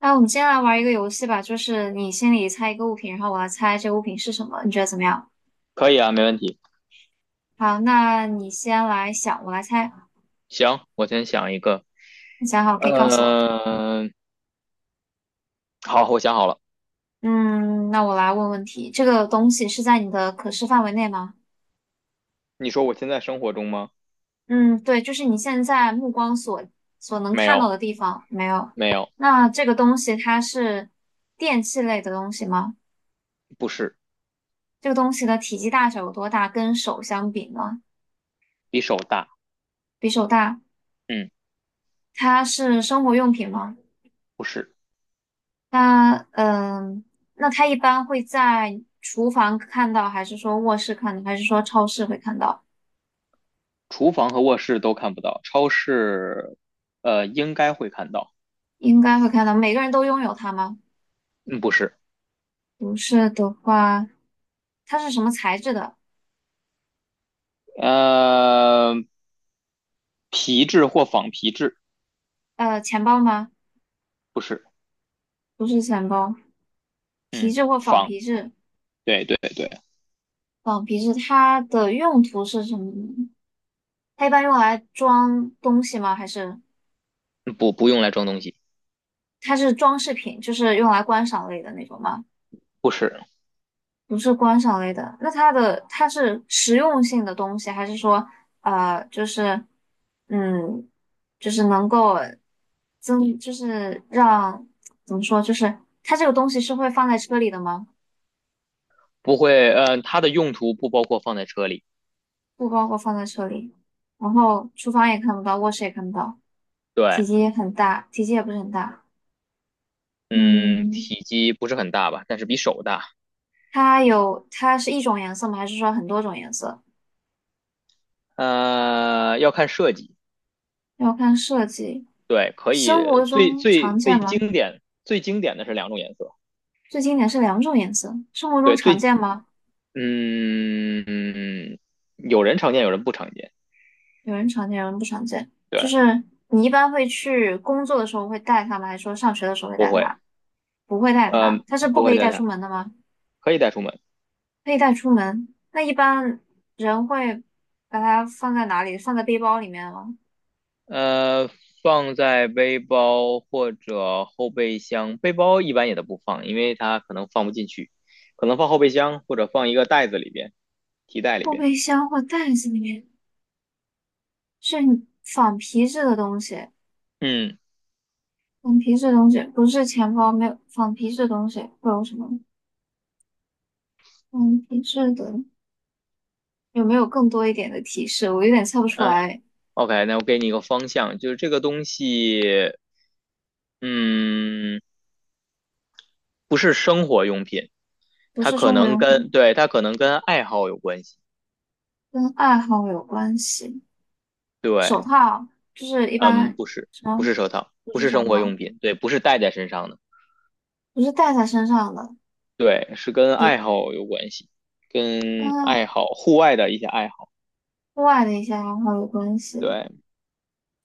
那我们先来玩一个游戏吧，就是你心里猜一个物品，然后我来猜这个物品是什么，你觉得怎么样？可以啊，没问题。好，那你先来想，我来猜。行，我先想一个。你想好可以告诉我。嗯、好，我想好了。嗯，那我来问问题，这个东西是在你的可视范围内吗？你说我现在生活中吗？嗯，对，就是你现在目光所能没看到有，的地方，没有。没有，那这个东西它是电器类的东西吗？不是，这个东西的体积大小有多大？跟手相比呢？比手大。比手大。嗯，它是生活用品吗？不是。那那他一般会在厨房看到，还是说卧室看到，还是说超市会看到？厨房和卧室都看不到，超市，应该会看到。应该会看到。每个人都拥有它吗？嗯，不是。不是的话，它是什么材质的？呃，皮质或仿皮质，钱包吗？不是。不是钱包，皮嗯，质或仿皮质。对对对，仿皮质它的用途是什么呢？它一般用来装东西吗？还是不用来装东西，它是装饰品，就是用来观赏类的那种吗？不是，不是观赏类的，那它的它是实用性的东西，还是说呃，就是嗯，就是能够增，就是让怎么说，就是它这个东西是会放在车里的吗？不会。嗯，它的用途不包括放在车里。不包括放在车里，然后厨房也看不到，卧室也看不到，体对。积也很大，体积也不是很大。嗯，嗯，体积不是很大吧，但是比手大。它有它是一种颜色吗？还是说很多种颜色？要看设计，要看设计。对，可生活以最中最常见最吗？经典最经典的是两种颜色，最经典是两种颜色，生活中对，常最见吗？嗯嗯，有人常见，有人不常见，有人常见，有人不常见。对，就是你一般会去工作的时候会带它吗？还是说上学的时候会不带会，它？不会带呃，它，它是不不可会以带带它，出门的吗？可以带出门，可以带出门。那一般人会把它放在哪里？放在背包里面吗？呃，放在背包或者后备箱，背包一般也都不放，因为它可能放不进去，可能放后备箱或者放一个袋子里边，提袋里后边，备箱或袋子里面？是仿皮质的东西，嗯。仿皮质的东西不是钱包，没有仿皮质的东西会有什么？仿皮质的有没有更多一点的提示？我有点猜不出嗯 来。OK，那我给你一个方向，就是这个东西，嗯，不是生活用品，不它是可生活能用跟，品，对，它可能跟爱好有关系。跟爱好有关系。手对，套就是一嗯，般不是，什不么？是手套，不不是是手生活套，用品，对，不是戴在身上的，不是戴在身上的，对，是跟爱也好有关系，跟跟爱好，户外的一些爱好。户外的一些爱好有关系。对，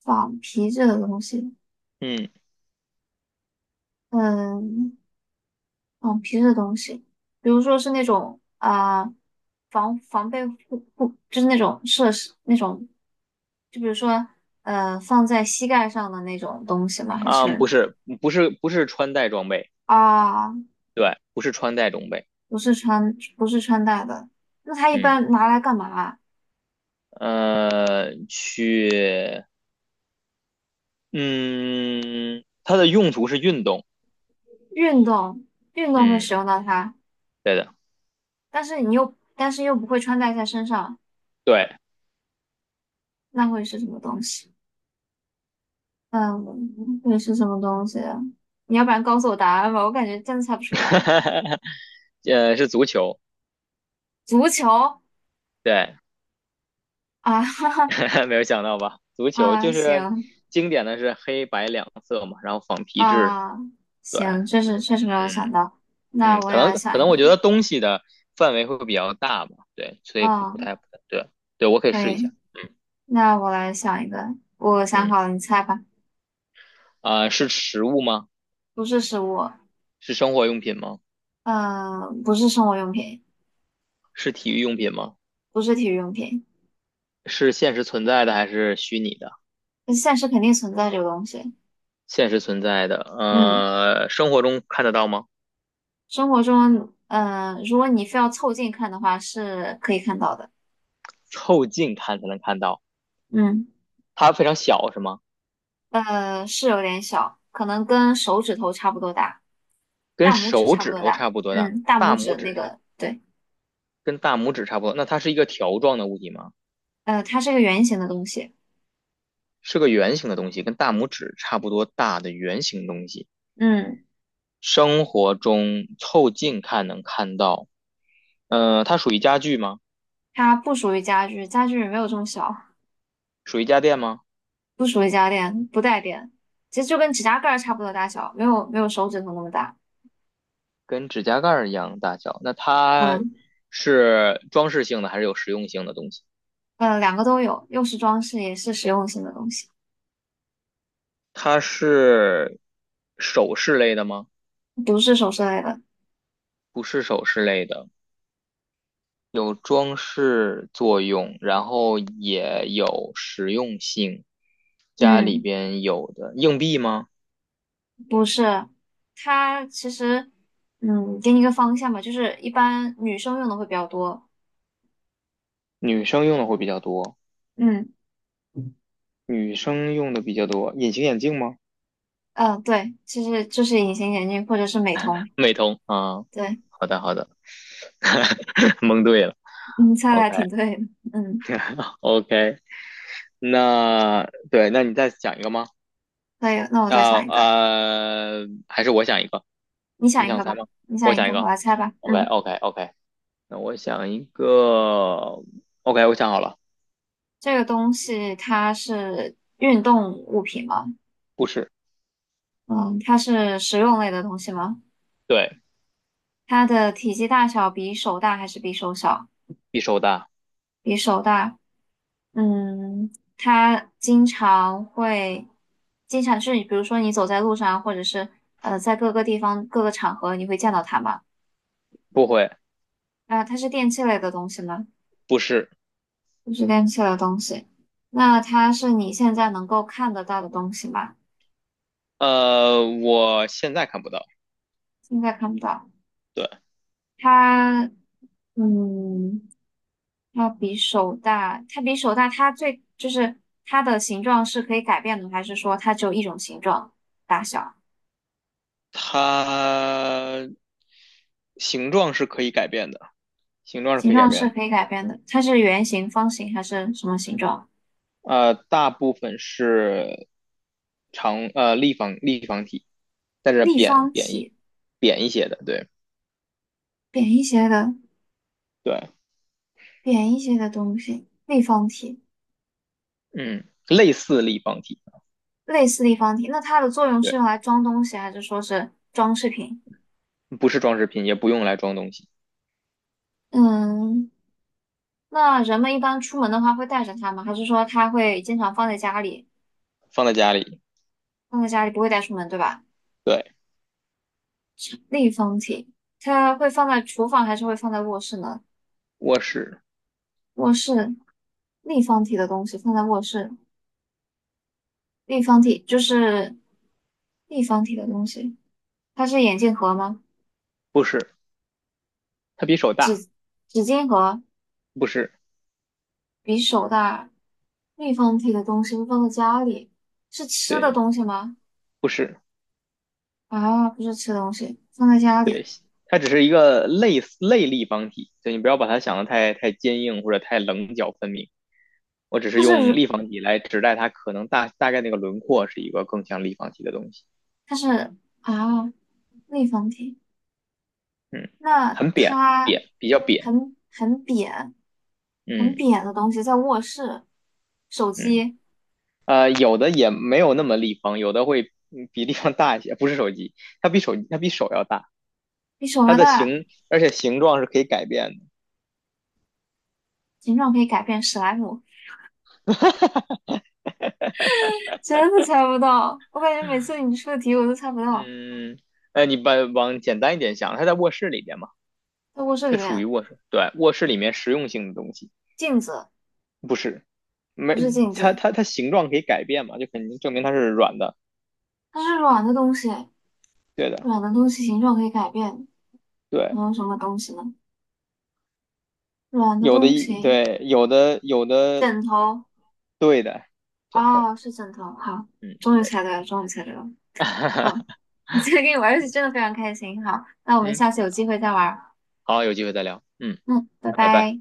仿皮质的东西，嗯，嗯，仿皮质的东西，比如说是那种防防备护护，就是那种设施那种，就比如说放在膝盖上的那种东西吗？还啊，是不是，不是，不是穿戴装备，啊？对，不是穿戴装备，不是穿戴的。那它一嗯，般拿来干嘛？呃，去，嗯，它的用途是运动。运动，运动会嗯，使用到它，但是你又，但是又不会穿戴在身上，对，那会是什么东西？嗯，会是什么东西啊？你要不然告诉我答案吧，我感觉真的猜不出来。是足球，足球？对，啊，哈哈， 没有想到吧？足球啊，就是行，经典的是黑白两色嘛，然后仿皮质，啊，对，行，确实确实没有嗯想到。那我可也能来可想一能我个，觉得东西的范围会比较大吧，对，所以不不嗯，太不太对，对我可以可试一下，以，那我来想一个，我想嗯好了，你猜吧。是食物吗？不是食物，是生活用品吗？嗯，不是生活用品，是体育用品吗？不是体育用品，是现实存在的还是虚拟的？但现实肯定存在这个东西。现实存在的，嗯，生活中看得到吗？生活中，嗯，如果你非要凑近看的话，是可以看到的。凑近看才能看到。嗯，它非常小是吗？是有点小，可能跟手指头差不多大，跟大拇指手差不指多头大。差不多大，嗯，大大拇拇指指那差个，对，跟大拇指差不多。那它是一个条状的物体吗？它是个圆形的东西。是个圆形的东西，跟大拇指差不多大的圆形东西。嗯，生活中凑近看能看到，它属于家具吗？它不属于家具，家具没有这么小，属于家电吗？不属于家电，不带电，其实就跟指甲盖儿差不多大小，没有手指头那么大。跟指甲盖儿一样大小。那它嗯。是装饰性的还是有实用性的东西？两个都有，又是装饰，也是实用性的东西，它是首饰类的吗？不是首饰类的。不是首饰类的。有装饰作用，然后也有实用性。家里嗯，边有的硬币吗？不是，它其实，嗯，给你一个方向吧，就是一般女生用的会比较多。女生用的会比较多，嗯，女生用的比较多。隐形眼镜吗？嗯、对，其实就是隐形眼镜或者是美瞳。美瞳啊，对，好的好的，蒙对了。你猜的 OK 还挺对的。嗯，OK，那对，那你再想一个吗？可以，那我再想一个，还是我想一个，你你想一想个猜吧，吗？你我想一想一个，我个。来猜吧。OK 嗯，OK OK，那我想一个。OK，我想好了。这个东西它是运动物品吗？不是，嗯，它是实用类的东西吗？对，它的体积大小比手大还是比手小？比手大，比手大。嗯，它经常会，经常是比如说你走在路上，或者是在各个地方、各个场合，你会见到它吗？不会，啊、它是电器类的东西吗？不是，不是电器类的东西。那它是你现在能够看得到的东西吗？我现在看不到，现在看不到。对，它，嗯。它比手大，它比手大，它最就是它的形状是可以改变的，还是说它只有一种形状大小？它形状是可以改变的，形状是形可以改状变是的，可以改变的，它是圆形、方形还是什么形状？大部分是立方体，但是立扁方扁一体，扁一些的，对扁一些的，对，扁一些的东西，立方体，嗯，类似立方体，类似立方体。那它的作用对，是用来装东西，还是说是装饰品？不是装饰品，也不用来装东西，嗯，那人们一般出门的话会带着它吗？还是说它会经常放在家里，放在家里，放在家里不会带出门，对吧？对，立方体，它会放在厨房还是会放在卧室呢？卧室，卧室，立方体的东西放在卧室，立方体就是立方体的东西，它是眼镜盒吗？不是，它比手大，纸巾盒？不是，比手大，立方体的东西会放在家里，是吃的对，东西吗？不是。啊，不是吃的东西，放在家对，里，它只是一个类似立方体，所以你不要把它想的太坚硬或者太棱角分明。我只是它用是立方体来指代它可能大概那个轮廓是一个更像立方体的东西。它是啊，立方体。嗯，那很扁它扁，比较扁。很很扁，很嗯扁的东西在卧室，手嗯，机？有的也没有那么立方，有的会比立方大一些。不是手机，它比手要大，比手它还的大，形而且形状是可以改变的。形状可以改变？史莱姆？真的猜不到。我感觉每次你出的题我都猜不到。嗯，你把往简单一点想，它在卧室里边嘛。在卧室里这属于面，卧室，对，卧室里面实用性的东西，镜子？不是，没，不是镜它子，它它形状可以改变嘛，就肯定证明它是软的，它是软的东西，对的，软的东西形状可以改变，对，能有什么东西呢？软的有的东一西，对，有的有的，枕头？对的，枕头，啊，是枕头。好，嗯，终于对猜的，对了，终于猜对了。好，我今天跟你玩儿游戏真的非常开心。好，那我们嗯，下次有机会再玩儿。好，有机会再聊，嗯，嗯，拜拜拜。拜。